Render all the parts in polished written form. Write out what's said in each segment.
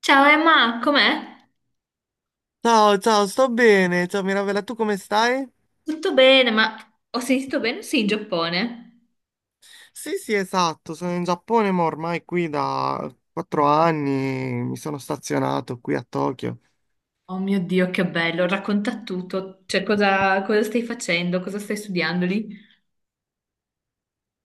Ciao Emma, com'è? Ciao, ciao, sto bene. Ciao Mirabella, tu come stai? Tutto bene, ma ho sentito bene? Sì, in Giappone. Sì, sì, esatto, sono in Giappone, ma ormai qui da 4 anni mi sono stazionato qui a Tokyo. Oh mio Dio, che bello, racconta tutto. Cioè, cosa stai facendo? Cosa stai studiando lì?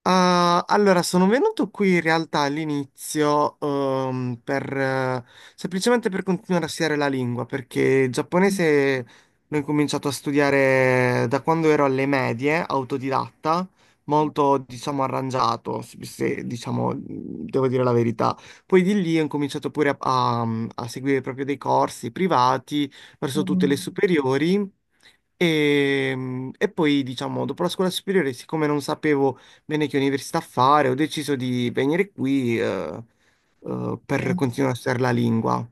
Ah, allora, sono venuto qui in realtà all'inizio semplicemente per continuare a studiare la lingua, perché il giapponese l'ho incominciato a studiare da quando ero alle medie, autodidatta, molto, diciamo, arrangiato, se, diciamo, devo dire la verità. Poi di lì ho incominciato pure a seguire proprio dei corsi privati verso tutte le Mm. superiori. E, e poi, diciamo, dopo la scuola superiore, siccome non sapevo bene che università fare, ho deciso di venire qui Eh, per continuare a studiare la lingua.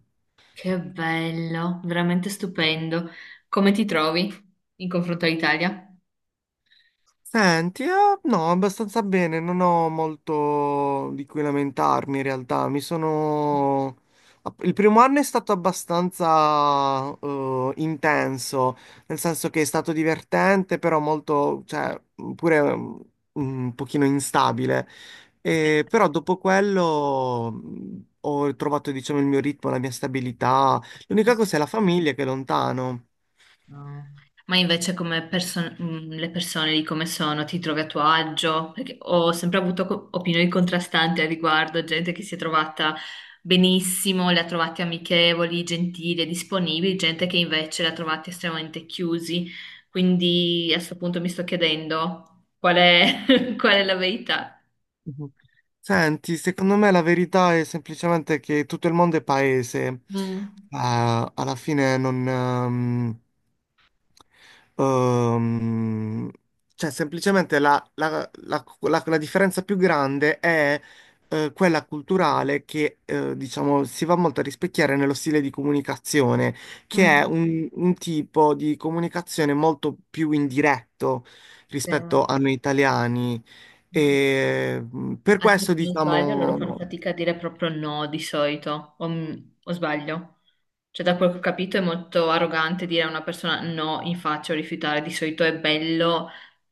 Che bello, veramente stupendo. Come ti trovi in confronto all'Italia? Senti, no, abbastanza bene, non ho molto di cui lamentarmi in realtà. Mi sono... Il primo anno è stato abbastanza intenso, nel senso che è stato divertente, però molto, cioè, pure un pochino instabile. E però dopo quello ho trovato, diciamo, il mio ritmo, la mia stabilità. L'unica Sì. cosa è la famiglia che è lontano. No. Ma invece le persone lì come sono, ti trovi a tuo agio? Perché ho sempre avuto opinioni contrastanti al riguardo, gente che si è trovata benissimo, le ha trovate amichevoli, gentili e disponibili, gente che invece le ha trovate estremamente chiusi. Quindi a questo punto mi sto chiedendo qual è la verità. Mhm. Senti, secondo me la verità è semplicemente che tutto il mondo è paese. Mm. Alla fine non, Ehm, cioè, semplicemente la differenza più grande è quella culturale che, diciamo, si va molto a rispecchiare nello stile di comunicazione, che è Mm. un tipo di comunicazione molto più indiretto Sì. rispetto a noi italiani. E per Ah, sì, se questo, non sbaglio, loro fanno diciamo. fatica a dire proprio no di solito, o sbaglio? Cioè, da quel che ho capito è molto arrogante dire a una persona no in faccia o rifiutare, di solito è bello,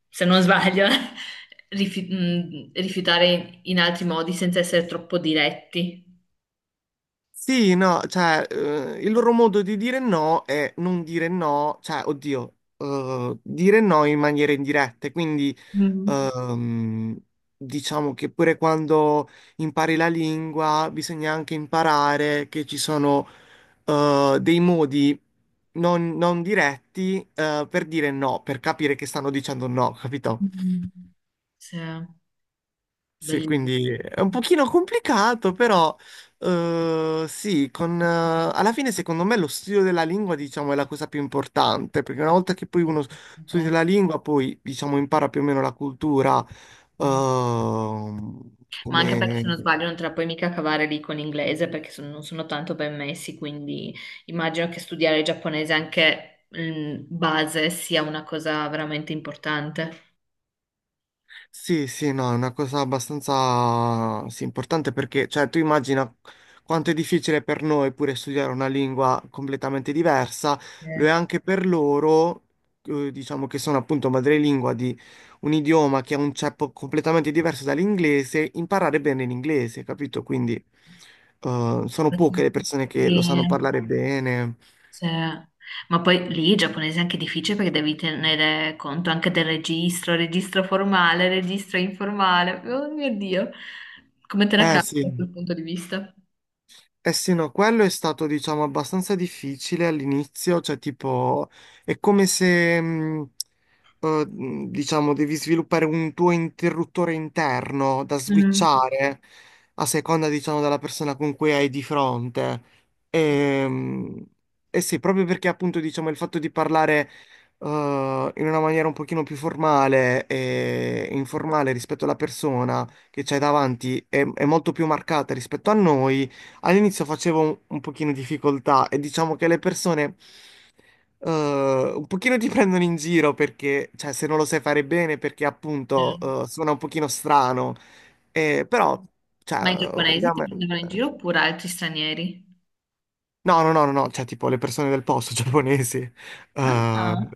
se non sbaglio, rifiutare in altri modi senza essere troppo diretti. Sì, no, cioè, il loro modo di dire no è non dire no, cioè, oddio, dire no in maniera indiretta. Quindi, Mm. ehm, diciamo che pure quando impari la lingua, bisogna anche imparare che ci sono, dei modi non diretti, per dire no, per capire che stanno dicendo no, capito? Mm. Sì, Sì, quindi è un pochino complicato, però sì, alla fine secondo me lo studio della lingua, diciamo, è la cosa più importante, perché una volta che poi uno bellissimo. studia la lingua, poi, diciamo, impara più o meno la cultura, Ma anche perché come, se non sbaglio non te la puoi mica cavare lì con l'inglese perché non sono tanto ben messi, quindi immagino che studiare il giapponese anche in base sia una cosa veramente importante. Sì, sì, no, è una cosa abbastanza sì, importante perché, cioè, tu immagina quanto è difficile per noi pure studiare una lingua completamente diversa, Eh, lo è anche per loro, diciamo che sono appunto madrelingua di un idioma che ha un ceppo completamente diverso dall'inglese, imparare bene l'inglese, capito? Quindi, sono poche le persone che lo sanno sì, parlare bene. sì. Ma poi lì il giapponese è anche difficile perché devi tenere conto anche del registro, registro formale, registro informale. Oh mio Dio, come te la cavi da Sì. quel punto di vista? Eh sì, no, quello è stato, diciamo, abbastanza difficile all'inizio, cioè tipo, è come se, diciamo, devi sviluppare un tuo interruttore interno da Mm. switchare a seconda, diciamo, della persona con cui hai di fronte. E, eh sì, proprio perché appunto, diciamo, il fatto di parlare, eh, in una maniera un pochino più formale e informale rispetto alla persona che c'hai davanti è molto più marcata rispetto a noi. All'inizio facevo un pochino difficoltà e diciamo che le persone un pochino ti prendono in giro perché, cioè, se non lo sai fare bene, perché Sì. appunto suona un pochino strano, però, cioè, Ma i giapponesi ti ovviamente. prendevano in giro oppure altri stranieri? No, no, no, no, no, cioè tipo le persone del posto giapponesi. Eh, Ah,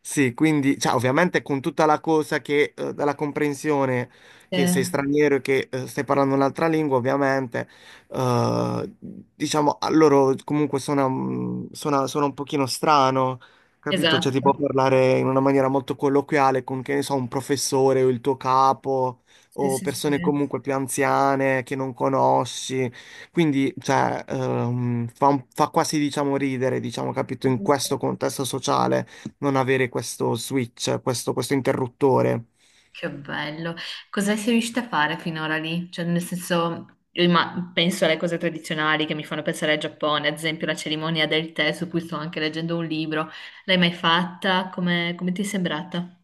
sì, quindi, cioè, ovviamente con tutta la cosa che, dalla comprensione sì, che sei straniero e che stai parlando un'altra lingua, ovviamente, eh, diciamo, a loro comunque suona un pochino strano, capito? Cioè esatto. tipo parlare in una maniera molto colloquiale con, che ne so, un professore o il tuo capo Sì, o sì, sì. persone comunque più anziane che non conosci. Quindi, cioè, fa quasi, diciamo, ridere, diciamo, capito, in questo contesto sociale non avere questo switch, questo interruttore. Che bello. Cosa sei riuscita a fare finora lì? Cioè, nel senso, penso alle cose tradizionali che mi fanno pensare al Giappone, ad esempio la cerimonia del tè, su cui sto anche leggendo un libro. L'hai mai fatta? Come ti è sembrata?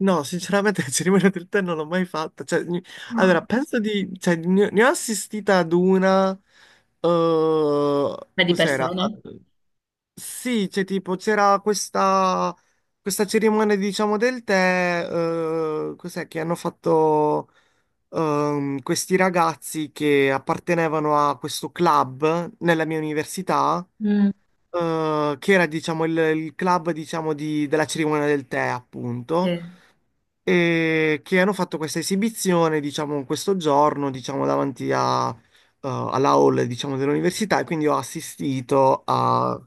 No, sinceramente, la cerimonia del tè non l'ho mai fatta. Cioè, No. allora, penso di... Cioè, ne ho assistita ad una... eh, Ma di cos'era? persona? Sì, c'era questa cerimonia, diciamo, del tè, che hanno fatto questi ragazzi che appartenevano a questo club nella mia università, Mm. Che era, diciamo, il club, diciamo, della cerimonia del tè, appunto, Sì. e che hanno fatto questa esibizione, diciamo, questo giorno, diciamo, davanti alla hall, diciamo, dell'università e quindi ho assistito a,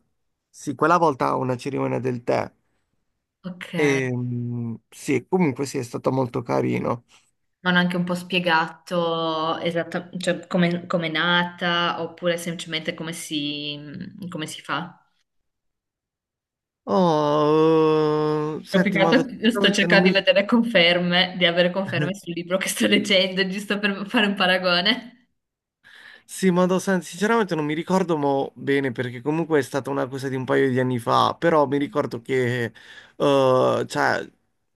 sì, quella volta a una cerimonia del tè. Ok. E, sì, comunque sì, è stato molto carino. Mi hanno anche un po' spiegato cioè, come è nata oppure semplicemente come si fa. Oh, Ho senti, ma piccato- sto sinceramente non cercando di mi, vedere conferme, di avere conferme sul libro che sto leggendo, giusto per fare un paragone. Sì, ma sinceramente non mi ricordo mo bene perché comunque è stata una cosa di un paio di anni fa, però mi ricordo che cioè,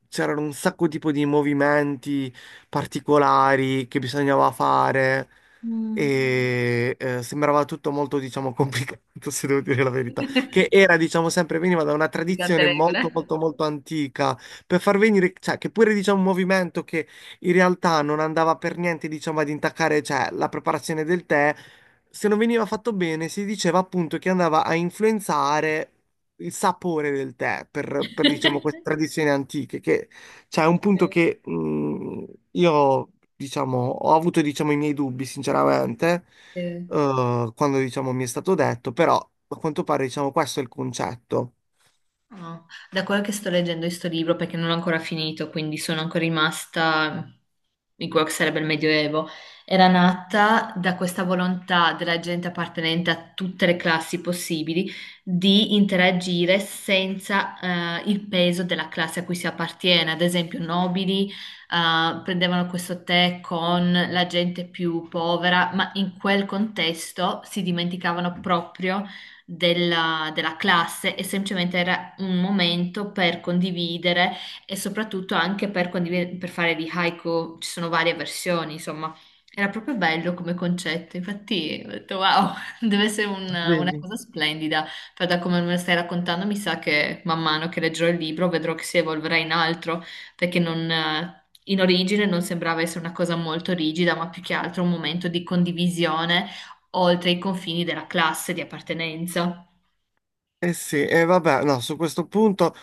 c'erano un sacco tipo di movimenti particolari che bisognava fare Mm. e sembrava tutto molto, diciamo, complicato, se devo dire la verità, che era, diciamo, sempre veniva da una Di tante tradizione regole. molto, molto, molto antica per far venire, cioè, che pure, diciamo, un movimento che in realtà non andava per niente, diciamo, ad intaccare, cioè, la preparazione del tè. Se non veniva fatto bene, si diceva appunto che andava a influenzare il sapore del tè per, diciamo, queste tradizioni antiche, che cioè, è un punto Sì. che io, diciamo, ho avuto, diciamo, i miei dubbi, sinceramente, Sì. Quando, diciamo, mi è stato detto, però a quanto pare, diciamo, questo è il concetto. No, da quello che sto leggendo questo libro, perché non l'ho ancora finito, quindi sono ancora rimasta in quello che sarebbe il Medioevo, era nata da questa volontà della gente appartenente a tutte le classi possibili di interagire senza il peso della classe a cui si appartiene. Ad esempio, nobili prendevano questo tè con la gente più povera, ma in quel contesto si dimenticavano proprio della classe e semplicemente era un momento per condividere e soprattutto anche per condividere, per fare di haiku, ci sono varie versioni, insomma, era proprio bello come concetto, infatti ho detto wow, deve essere una Vedi? cosa splendida, però da come me lo stai raccontando mi sa che man mano che leggerò il libro vedrò che si evolverà in altro, perché non, in origine non sembrava essere una cosa molto rigida, ma più che altro un momento di condivisione oltre i confini della classe di appartenenza. Eh sì, e vabbè, no, su questo punto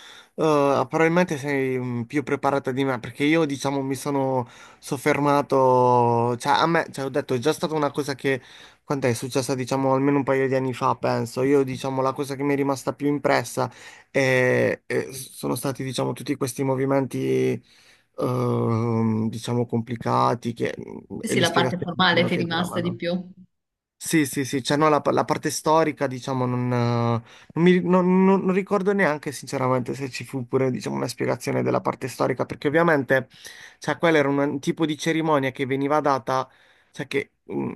probabilmente sei più preparata di me perché io diciamo mi sono soffermato, cioè a me, cioè ho detto è già stata una cosa che, quant'è, è successa diciamo almeno un paio di anni fa penso, io diciamo la cosa che mi è rimasta più impressa sono stati diciamo tutti questi movimenti diciamo complicati che, Sì, e sì, le la parte spiegazioni formale ti è che rimasta di davano. più. Sì, sì, sì, cioè no, la parte storica, diciamo, non, non mi- non- non- non ricordo neanche sinceramente se ci fu pure, diciamo, una spiegazione della parte storica, perché ovviamente, cioè, quella era un tipo di cerimonia che veniva data, cioè, che,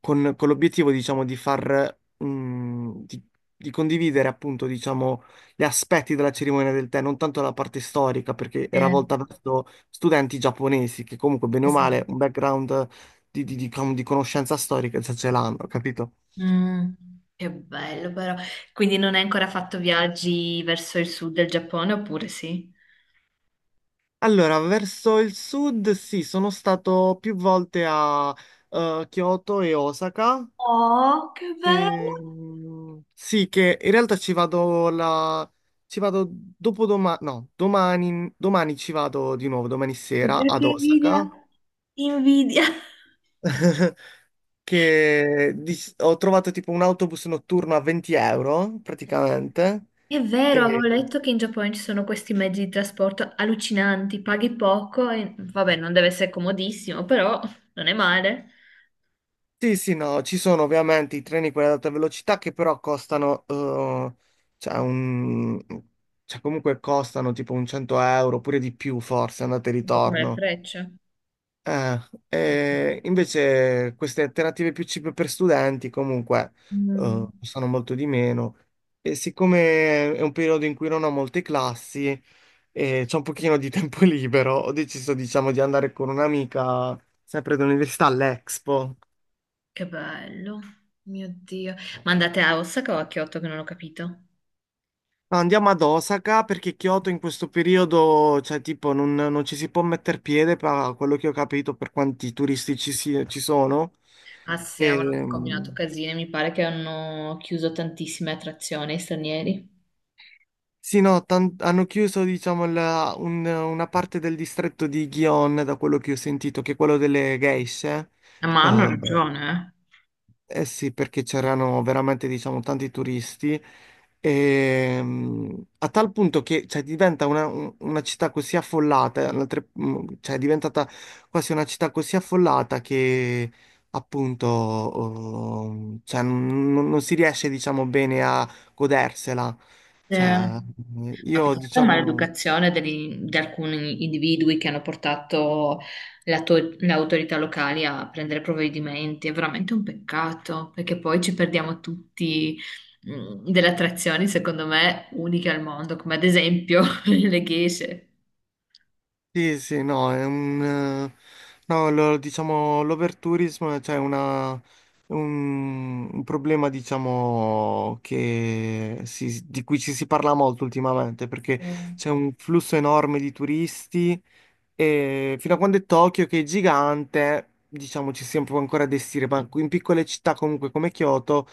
con l'obiettivo, diciamo, di condividere, appunto, diciamo, gli aspetti della cerimonia del tè, non tanto la parte storica, perché Sì, era volta verso studenti giapponesi, che comunque, bene sì, o sì. male, un background di conoscenza storica, cioè ce l'hanno, capito? Mm, che bello però. Quindi non hai ancora fatto viaggi verso il sud del Giappone, oppure sì? Allora, verso il sud, sì, sono stato più volte a Kyoto e Osaka. Oh, che bello! Sì, che in realtà ci vado la... ci vado dopodomani, no, domani, domani ci vado di nuovo, domani E sera ad perché invidia? Osaka. Invidia! Ho trovato tipo un autobus notturno a 20 euro praticamente. È vero, E avevo letto che in Giappone ci sono questi mezzi di trasporto allucinanti, paghi poco e vabbè, non deve essere comodissimo, però non è male, sì, sì, no, ci sono ovviamente i treni quelli ad alta velocità che però costano, cioè, cioè comunque costano tipo un 100 euro oppure di più forse, andate e un po' come le ritorno. frecce. Eh, e invece queste alternative più cheap per studenti comunque Mm. costano molto di meno e siccome è un periodo in cui non ho molte classi e c'ho un pochino di tempo libero, ho deciso diciamo di andare con un'amica sempre dell'università all'Expo. Che bello, mio Dio. Ma andate a Osaka o a Kyoto che non ho capito? No, andiamo ad Osaka perché Kyoto in questo periodo, cioè, tipo, non, non ci si può mettere piede, per quello che ho capito, per quanti turisti ci sono. Ah sì, avevano anche combinato Ehm, casine, mi pare che hanno chiuso tantissime attrazioni ai stranieri. sì, no, hanno chiuso, diciamo, una parte del distretto di Gion, da quello che ho sentito, che è quello delle geishe. Ma hanno Eh, ragione, Eh sì, perché c'erano veramente, diciamo, tanti turisti, e, a tal punto che cioè, diventa una città così affollata, cioè è diventata quasi una città così affollata che appunto oh, cioè, non, non non si riesce, diciamo, bene a godersela. eh. Cioè, Ma più io, che altro è diciamo. maleducazione di alcuni individui che hanno portato le autorità locali a prendere provvedimenti. È veramente un peccato, perché poi ci perdiamo tutti delle attrazioni, secondo me, uniche al mondo, come ad esempio le geishe. Sì, sì, no, è un... No, diciamo, l'overtourismo è cioè un problema, diciamo, di cui ci si parla molto ultimamente, perché Mm. c'è un flusso enorme di turisti e fino a quando è Tokyo, che è gigante, diciamo ci si può ancora destinare, ma in piccole città comunque come Kyoto,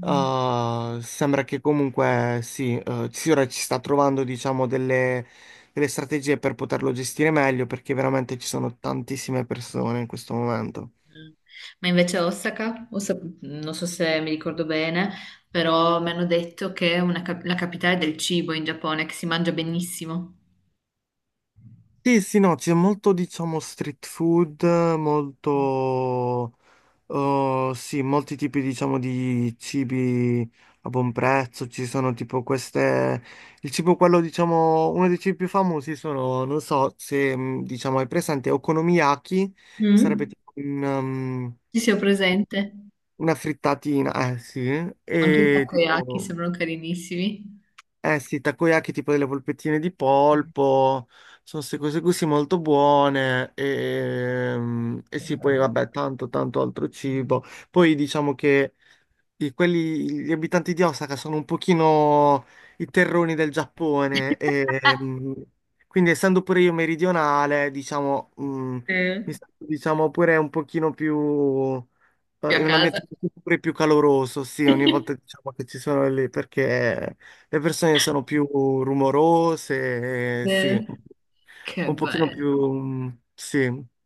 sembra che comunque sì, sì, ora ci sta trovando diciamo delle strategie per poterlo gestire meglio, perché veramente ci sono tantissime persone in questo momento. Ma invece a Osaka, non so se mi ricordo bene, però mi hanno detto che è la capitale del cibo in Giappone, che si mangia benissimo. Sì, sì, no, c'è molto diciamo street food, molto... Oh, sì, molti tipi, diciamo, di cibi a buon prezzo. Ci sono tipo queste. Il cibo, quello, diciamo, uno dei cibi più famosi sono, non so se, diciamo, hai presente Okonomiyaki, che sarebbe Mm? tipo un, um, Ci sia presente? una frittatina, eh sì, Anche i e takoyaki tipo, sembrano carinissimi. eh sì, takoyaki, tipo delle polpettine di polpo. Sono queste cose così molto buone. E sì, poi Eh, vabbè, tanto, tanto altro cibo. Poi diciamo che gli abitanti di Osaka sono un pochino i terroni del Giappone e quindi essendo pure io meridionale, diciamo, mi Eh, sento diciamo pure un pochino più Qui a in un ambiente casa. pure più caloroso, sì, ogni volta diciamo che ci sono lì perché le persone sono più rumorose, sì, Eh, Che un pochino bello. più sì,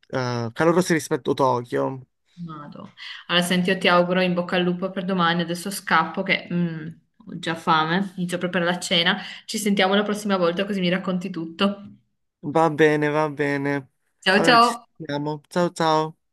calorose rispetto a Tokyo. Vado. Allora, senti, io ti auguro in bocca al lupo per domani. Adesso scappo che ho già fame, inizio proprio per la cena. Ci sentiamo la prossima volta così mi racconti tutto. Va bene, va bene. Ciao Allora ciao! ci sentiamo. Ciao ciao.